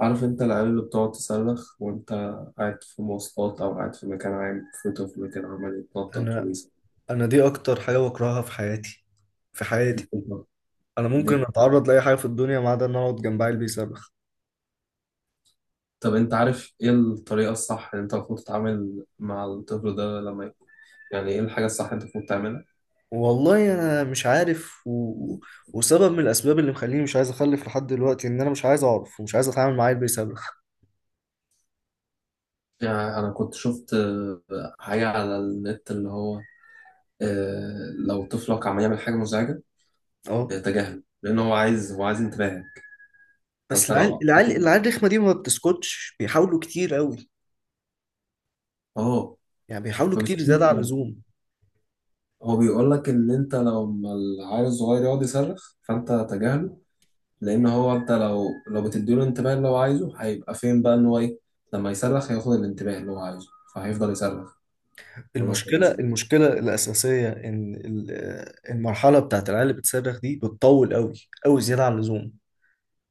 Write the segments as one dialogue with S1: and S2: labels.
S1: عارف انت العيال اللي بتقعد تصرخ وانت قاعد في مواصلات او قاعد في مكان عام؟ في طفل كده عمال يتنطط
S2: انا
S1: ويصرخ.
S2: انا دي اكتر حاجه بكرهها في حياتي في حياتي. انا
S1: دي
S2: ممكن اتعرض لاي حاجه في الدنيا ما عدا ان أنا اقعد جنب عيل بيصرخ.
S1: طب انت عارف ايه الطريقة الصح اللي انت المفروض تتعامل مع الطفل ده لما يكون، يعني ايه الحاجة الصح اللي انت المفروض تعملها؟
S2: والله انا مش عارف وسبب من الاسباب اللي مخليني مش عايز اخلف لحد دلوقتي ان انا مش عايز اعرف ومش عايز اتعامل مع عيل بيصرخ.
S1: يعني انا كنت شفت حاجة على النت اللي هو لو طفلك عمال يعمل حاجة مزعجة،
S2: اه.
S1: تجاهله لان هو عايز انتباهك.
S2: بس
S1: فانت لو
S2: العيال العيال
S1: قعدت-
S2: العيال الرخمه دي ما بتسكتش، بيحاولوا كتير قوي،
S1: اه،
S2: يعني بيحاولوا
S1: ما
S2: كتير
S1: بتسكتش.
S2: زياده عن اللزوم.
S1: هو بيقول لك ان انت لو ما العيل الصغير يقعد يصرخ فانت تجاهله، لان انت لو بتديله الانتباه اللي هو عايزه هيبقى فين بقى ان هو ايه؟ لما يصرخ هياخد الانتباه اللي هو عايزه فهيفضل يصرخ، كل ما يكون
S2: المشكله
S1: لازم.
S2: المشكله الاساسيه ان المرحله بتاعت العيال اللي بتصرخ دي بتطول قوي، قوي زياده عن اللزوم.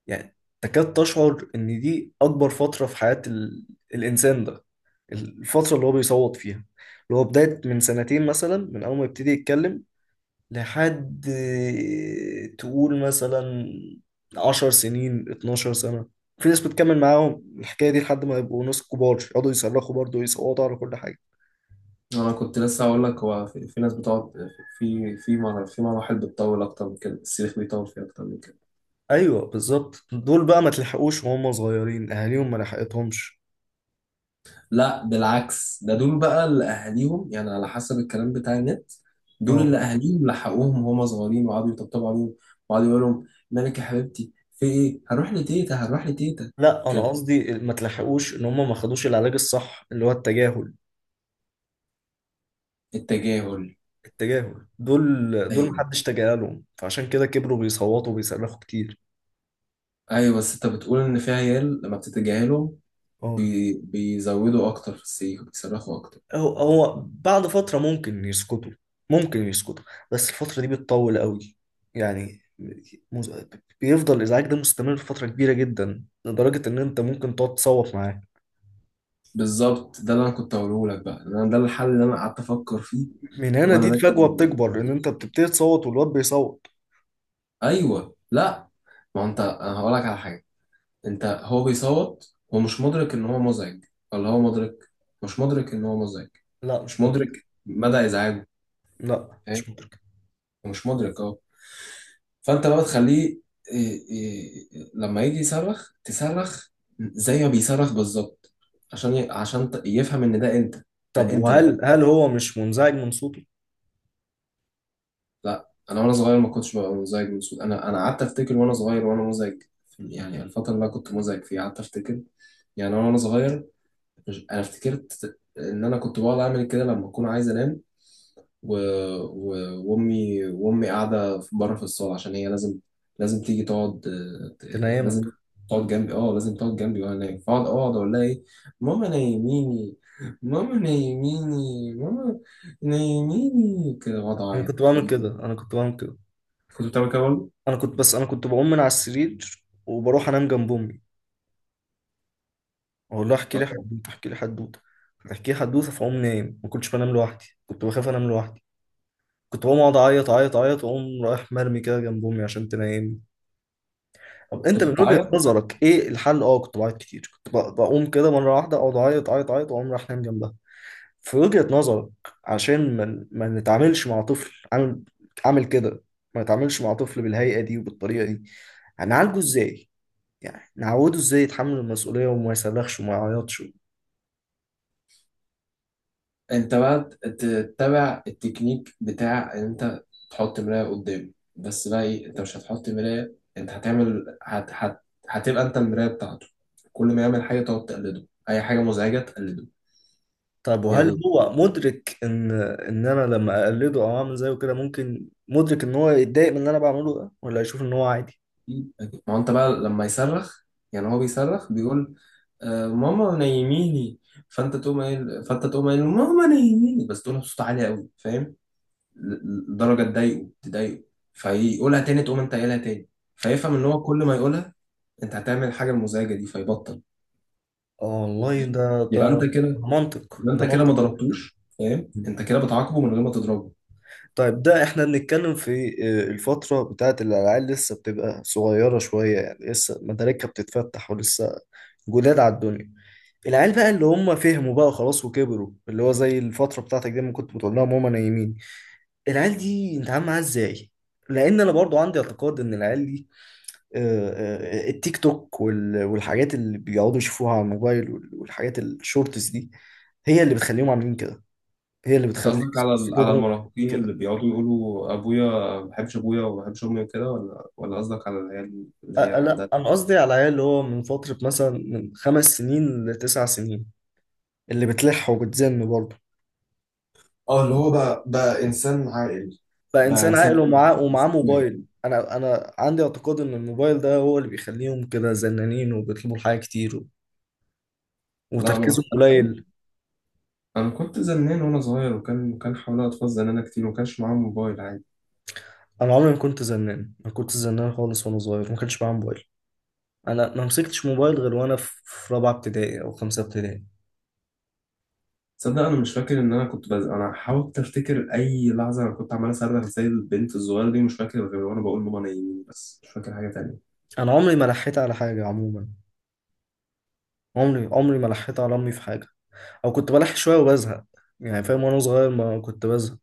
S2: يعني تكاد تشعر ان دي اكبر فترة في حياة الانسان ده، الفترة اللي هو بيصوت فيها، اللي هو بداية من سنتين مثلا، من اول ما يبتدي يتكلم لحد تقول مثلا 10 سنين، 12 سنة. في ناس بتكمل معاهم الحكاية دي لحد ما يبقوا ناس كبار يقعدوا يصرخوا برضه ويصوتوا على كل حاجة.
S1: انا كنت لسه هقول لك هو في ناس بتقعد، في مراحل بتطول اكتر من كده، الصريخ بيطول فيها اكتر من كده.
S2: ايوه بالظبط، دول بقى ما تلحقوش وهم صغيرين، اهاليهم ما لحقتهمش.
S1: لا بالعكس، دول بقى اللي اهاليهم، يعني على حسب الكلام بتاع النت، دول اللي
S2: اه
S1: اهاليهم لحقوهم وهم صغيرين وقعدوا يطبطبوا عليهم، وقعدوا يقولوا لهم: مالك يا حبيبتي؟ في ايه؟ هروح لتيتا، هروح لتيتا،
S2: لا، انا
S1: كده.
S2: قصدي ما تلحقوش ان هم ما خدوش العلاج الصح اللي هو التجاهل.
S1: التجاهل.
S2: التجاهل، دول
S1: ايوه،
S2: محدش تجاهلهم، فعشان كده كبروا بيصوتوا وبيصرخوا كتير.
S1: ايوه، بس انت بتقول ان في عيال لما بتتجاهلهم
S2: اه،
S1: بيزودوا اكتر في السيخ، بيصرخوا اكتر.
S2: هو بعد فترة ممكن يسكتوا، ممكن يسكتوا، بس الفترة دي بتطول قوي. يعني مز... بيفضل الازعاج ده مستمر فترة كبيرة جدا لدرجة ان انت ممكن تقعد تصوت معاه.
S1: بالظبط، ده اللي انا كنت هقوله لك بقى، انا ده الحل اللي انا قعدت افكر فيه
S2: من هنا
S1: وانا
S2: دي الفجوة
S1: راكب.
S2: بتكبر، ان انت بتبتدي تصوت والواد بيصوت.
S1: ايوه، لا، ما هو انت، انا هقول لك على حاجه. انت، هو بيصوت، هو مش مدرك ان هو مزعج، ولا هو مدرك؟ مش مدرك ان هو مزعج،
S2: لا
S1: مش
S2: مش
S1: مدرك
S2: مدرك.
S1: مدى ازعاجه،
S2: لا
S1: فاهم؟
S2: مش مدرك.
S1: هو مش مدرك، اه. فانت بقى تخليه، إيه، لما يجي يصرخ تصرخ زي ما بيصرخ بالظبط، عشان ي... عشان ت- يفهم ان ده انت، ده
S2: طب
S1: انت ده.
S2: وهل هو مش منزعج من صوته؟
S1: لا انا وانا صغير ما كنتش ببقى مزعج من الصوت، انا قعدت افتكر وانا صغير وانا مزعج، يعني الفتره اللي انا كنت مزعج فيها قعدت افتكر، يعني وانا صغير. انا افتكرت ان انا كنت بقعد اعمل كده لما اكون عايز انام، و... و... وامي قاعده بره في الصاله عشان هي لازم، لازم تيجي تقعد، ت-
S2: تنيمك.
S1: لازم تقعد جنبي، اه لازم تقعد جنبي وانا نايم، فاقعد اقول لها ايه: ماما نايميني، ماما نايميني، ماما نايميني كده، بقعد
S2: انا
S1: اعيط.
S2: كنت بعمل كده، انا كنت بعمل كده.
S1: كنت بتعمل كده برضه؟
S2: انا كنت بقوم من على السرير وبروح انام جنب امي، اقول لها احكي لي
S1: آه،
S2: حدوته، احكي لي حدوته، فتحكي لي حدوته فاقوم نايم. ما كنتش بنام لوحدي، كنت بخاف انام لوحدي. كنت بقوم اقعد اعيط اعيط اعيط واقوم رايح مرمي كده جنب امي عشان تنيمني. طب انت
S1: كنت
S2: من وجهة
S1: بتعيط.
S2: نظرك ايه الحل؟ اه كنت بعيط كتير، كنت بقوم كده مره واحده، اقعد اعيط اعيط اعيط واقوم رايح نايم جنبها. في وجهة نظرك، عشان ما نتعاملش مع طفل عامل كده، ما نتعاملش مع طفل بالهيئة دي وبالطريقة دي، هنعالجه ازاي؟ يعني نعوده ازاي يتحمل المسؤولية وما يصرخش وما يعيطش.
S1: انت بقى تتبع التكنيك بتاع ان انت تحط مراية قدام، بس بقى ايه، انت مش هتحط مراية، انت هتعمل، هتبقى انت المراية بتاعته، كل ما يعمل حاجة تقعد تقلده، اي حاجة مزعجة تقلده.
S2: طب وهل
S1: يعني
S2: هو مدرك ان انا لما اقلده او اعمل زيه كده ممكن مدرك ان هو يتضايق من اللي انا بعمله ده، ولا يشوف ان هو عادي؟
S1: ما هو انت بقى لما يصرخ، يعني هو بيصرخ بيقول: آه ماما نيميني، فانت تقوم قايل ماما نيميني، بس تقولها بصوت عالي قوي، فاهم؟ لدرجه تضايقه تضايقه، فيقولها تاني، تقوم انت قايلها تاني، فيفهم ان هو كل ما يقولها انت هتعمل الحاجه المزعجه دي، فيبطل،
S2: اه والله،
S1: فاهم؟
S2: ده
S1: يبقى انت كده
S2: منطق،
S1: يبقى
S2: ده
S1: انت كده ما
S2: منطق.
S1: ضربتوش، فاهم، انت كده بتعاقبه من غير ما تضربه.
S2: طيب ده احنا بنتكلم في الفترة بتاعت الألعاب، لسه بتبقى صغيرة شوية، يعني لسه مداركها بتتفتح ولسه جداد على الدنيا. العيال بقى اللي هم فهموا بقى خلاص وكبروا، اللي هو زي الفترة بتاعتك دي ما كنت بتقول لهم هما نايمين، العيال دي نتعامل معاها ازاي؟ لأن أنا برضو عندي اعتقاد إن العيال دي، آه، التيك توك والحاجات اللي بيقعدوا يشوفوها على الموبايل والحاجات الشورتس دي هي اللي بتخليهم عاملين كده، هي اللي
S1: انت
S2: بتخلي
S1: قصدك على على
S2: أسلوبهم
S1: المراهقين اللي
S2: كده.
S1: بيقعدوا يقولوا: ابويا ما بحبش ابويا، وما بحبش امي، وكده، ولا قصدك على العيال اللي هي
S2: انا
S1: عندها؟
S2: انا قصدي على عيال اللي هو من فترة مثلا من 5 سنين لـ9 سنين، اللي بتلح وبتزن برضه،
S1: اه، اللي هو بقى، انسان عاقل،
S2: بقى
S1: بقى
S2: انسان عاقل
S1: انسان
S2: ومعاه
S1: إنسان واعي.
S2: موبايل. انا عندي اعتقاد ان الموبايل ده هو اللي بيخليهم كده زنانين وبيطلبوا الحاجة كتير
S1: لا انا
S2: وتركيزهم
S1: بتكلم،
S2: قليل.
S1: انا كنت زنان وانا صغير، وكان حوالي اطفال زنانه كتير، وما كانش معاهم موبايل، عادي.
S2: انا عمري ما كنت زنان، ما كنت زنان خالص، وانا صغير ما كانش معايا موبايل. انا ما مسكتش موبايل غير وانا في رابعة ابتدائي او خمسة ابتدائي.
S1: تصدق، انا مش فاكر ان انا انا حاولت افتكر اي لحظه انا كنت عمال اصرخ زي البنت الصغيره دي، مش فاكر غير وانا بقول ماما نايمين، بس مش فاكر حاجه تانية.
S2: انا عمري ما لحيت على حاجة عموما، عمري عمري ما لحيت على امي في حاجة. او كنت بلح شويه وبزهق يعني، فاهم؟ وانا صغير ما كنت بزهق،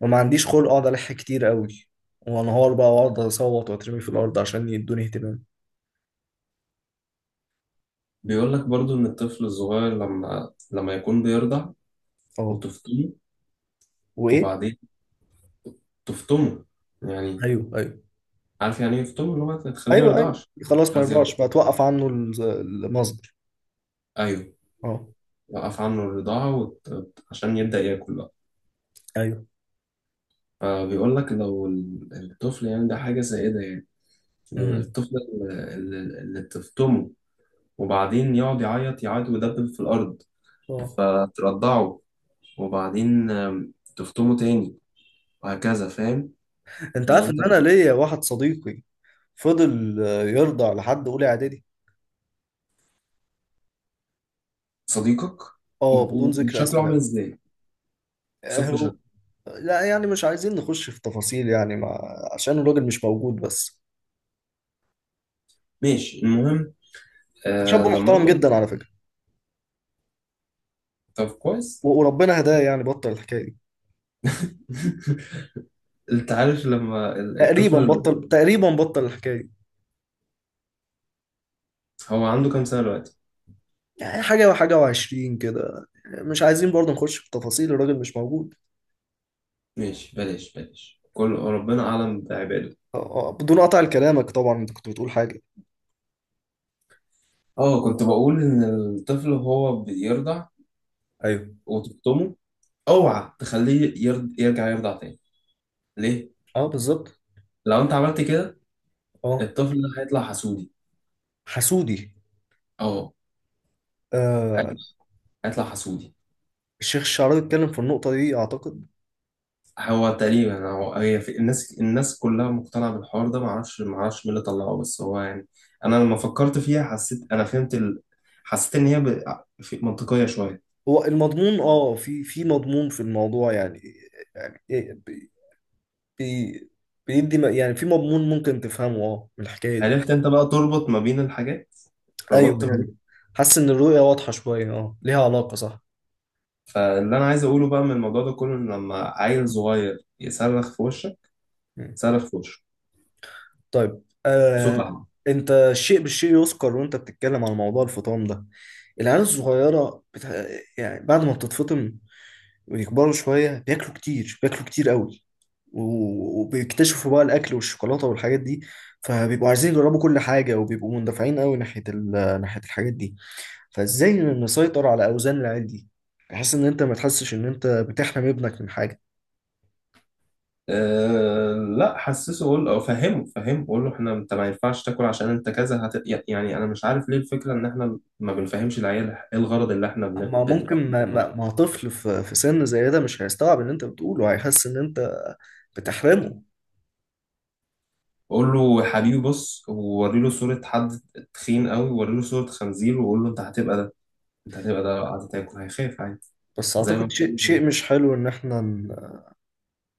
S2: وما عنديش خلق اقعد الح كتير قوي وانهار بقى واقعد اصوت واترمي في الارض عشان يدوني اهتمام.
S1: بيقول لك برضو ان الطفل الصغير لما يكون بيرضع،
S2: اه.
S1: وتفطمه،
S2: وايه.
S1: وبعدين تفطمه يعني،
S2: ايوه، ايوه،
S1: عارف يعني ايه يفطمه، اللي هو تخليه ما
S2: ايوه، ايوه،
S1: يرضعش،
S2: خلاص ما
S1: عايز يرضع.
S2: يرضاش بقى، توقف عنه المصدر.
S1: ايوه،
S2: اه.
S1: وقف عنه الرضاعه عشان يبدا ياكل بقى.
S2: ايوه.
S1: فبيقول لك لو الطفل، يعني ده حاجه سائده يعني،
S2: امم.
S1: الطفل اللي تفطمه، وبعدين يقعد يعيط يعيط ويدبل في الأرض،
S2: اه.
S1: فترضعه، وبعدين تفطمه تاني، وهكذا، فاهم؟
S2: انت
S1: يعني
S2: عارف ان
S1: أنت،
S2: انا ليا واحد صديقي فضل يرضع لحد اولى اعدادي.
S1: صديقك،
S2: اه، بدون ذكر
S1: وشكله عامل
S2: اسماء.
S1: إزاي؟ شوف لي
S2: هو
S1: شكله،
S2: لا، يعني مش عايزين نخش في تفاصيل يعني ما... عشان الراجل مش موجود بس،
S1: ماشي المهم.
S2: شاب
S1: لما
S2: محترم
S1: أنت،
S2: جدا على فكرة،
S1: طب كويس.
S2: و- وربنا هداه، يعني بطل الحكاية دي،
S1: أنت عارف لما
S2: تقريبا
S1: الطفل،
S2: بطل، تقريبا بطل الحكاية دي.
S1: هو عنده كام سنة دلوقتي؟
S2: يعني حاجة وحاجة وعشرين كده، مش عايزين برضه نخش في تفاصيل، الراجل مش موجود.
S1: ماشي بلاش بلاش، كل ربنا أعلم بعباده.
S2: آه، بدون قطع لكلامك طبعا، انت كنت بتقول حاجة.
S1: اه، كنت بقول إن الطفل هو بيرضع
S2: ايوه.
S1: وتفطمه، اوعى تخليه يرجع يرضع تاني. ليه؟
S2: اه بالظبط.
S1: لو انت عملت كده
S2: اه
S1: الطفل ده هيطلع حسودي.
S2: حسودي.
S1: اه،
S2: آه.
S1: هيطلع هيطلع حسودي.
S2: الشيخ الشعراوي اتكلم في النقطة دي أعتقد.
S1: هو تقريبا هي في الناس كلها مقتنعة بالحوار ده، معرفش مين اللي طلعه، بس هو يعني انا لما فكرت فيها حسيت انا حسيت ان منطقية شوية.
S2: هو المضمون، اه في مضمون في الموضوع يعني. يعني بي- يعني في مضمون ممكن تفهمه اه من الحكاية دي.
S1: عرفت انت بقى تربط ما بين الحاجات،
S2: ايوه
S1: ربطت ما بين.
S2: يعني، حاسس ان الرؤية واضحة شوية، اه ليها علاقة، صح.
S1: فاللي انا عايز اقوله بقى من الموضوع ده كله، ان لما عيل صغير يصرخ في وشك،
S2: مم.
S1: صرخ في وشه
S2: طيب،
S1: بصوت عالي.
S2: انت الشيء بالشيء يذكر، وانت بتتكلم عن موضوع الفطام ده. العيال الصغيرة يعني بعد ما بتتفطم ويكبروا شوية، بياكلوا كتير، بياكلوا كتير قوي، و- وبيكتشفوا بقى الأكل والشوكولاتة والحاجات دي، فبيبقوا عايزين يجربوا كل حاجة وبيبقوا مندفعين قوي ناحية ناحية الحاجات دي. فإزاي نسيطر على أوزان العيال دي، بحيث إن أنت ما تحسش إن أنت بتحرم ابنك من حاجة؟
S1: أه لا، حسسه قول او فهمه قول له احنا، انت ما ينفعش تاكل عشان انت كذا. يعني انا مش عارف ليه الفكره ان احنا ما بنفهمش العيال ايه الغرض اللي احنا
S2: ما
S1: بناكل
S2: ممكن ما,
S1: منه.
S2: ما, ما طفل في سن زي ده مش هيستوعب اللي انت بتقوله، هيحس ان انت بتحرمه.
S1: قول له يا حبيبي، بص، ووري له صوره حد تخين قوي، ووري له صوره خنزير، وقول له انت هتبقى ده، انت هتبقى ده لو قعدت تاكل، هيخاف عادي،
S2: بس
S1: زي ما
S2: اعتقد شيء
S1: بقول له،
S2: شيء مش حلو ان احنا ن-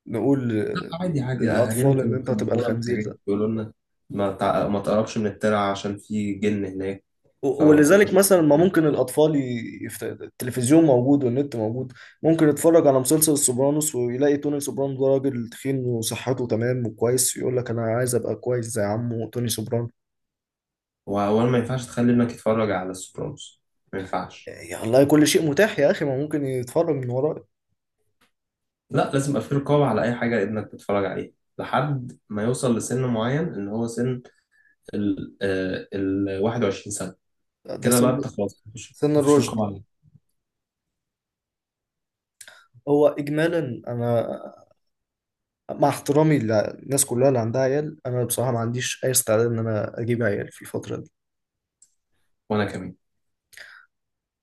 S2: نقول
S1: لا،
S2: ل-
S1: عادي عادي، اهالينا
S2: للاطفال ان
S1: كانوا
S2: انت هتبقى
S1: بيخوفونا
S2: الخنزير
S1: بحاجات،
S2: ده،
S1: بيقولوا لنا: ما تقربش من الترعه عشان في جن هناك،
S2: و-
S1: فما كناش
S2: ولذلك مثلا ما
S1: بنقرب.
S2: ممكن الاطفال التلفزيون موجود والنت موجود، ممكن يتفرج على مسلسل السوبرانوس ويلاقي توني سوبرانو ده راجل تخين وصحته تمام وكويس، يقول لك انا عايز ابقى كويس زي عمه توني سوبرانو.
S1: وأولا، ما ينفعش تخلي ابنك يتفرج على السوبرانوس، ما ينفعش.
S2: يا الله، كل شيء متاح يا اخي، ما ممكن يتفرج من وراك.
S1: لا، لازم يبقى في رقابة على أي حاجة ابنك بيتفرج عليها، لحد ما يوصل لسن معين، إن هو سن ال 21 سنة،
S2: ده
S1: كده
S2: سن
S1: بقى أنت خلاص، مفيش
S2: سن
S1: مفيش
S2: الرشد.
S1: رقابة عليه.
S2: هو اجمالا انا، مع احترامي للناس كلها اللي عندها عيال، انا بصراحه ما عنديش اي استعداد ان انا اجيب عيال في الفتره دي،
S1: وأنا كمان.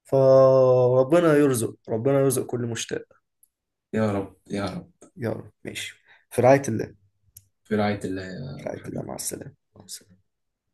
S2: فربنا يرزق، ربنا يرزق كل مشتاق.
S1: يا رب يا رب.
S2: يا رب، ماشي. في رعايه الله.
S1: في رعاية الله
S2: في
S1: يا
S2: رعايه الله، مع
S1: حبيبي.
S2: السلامه، مع السلامة.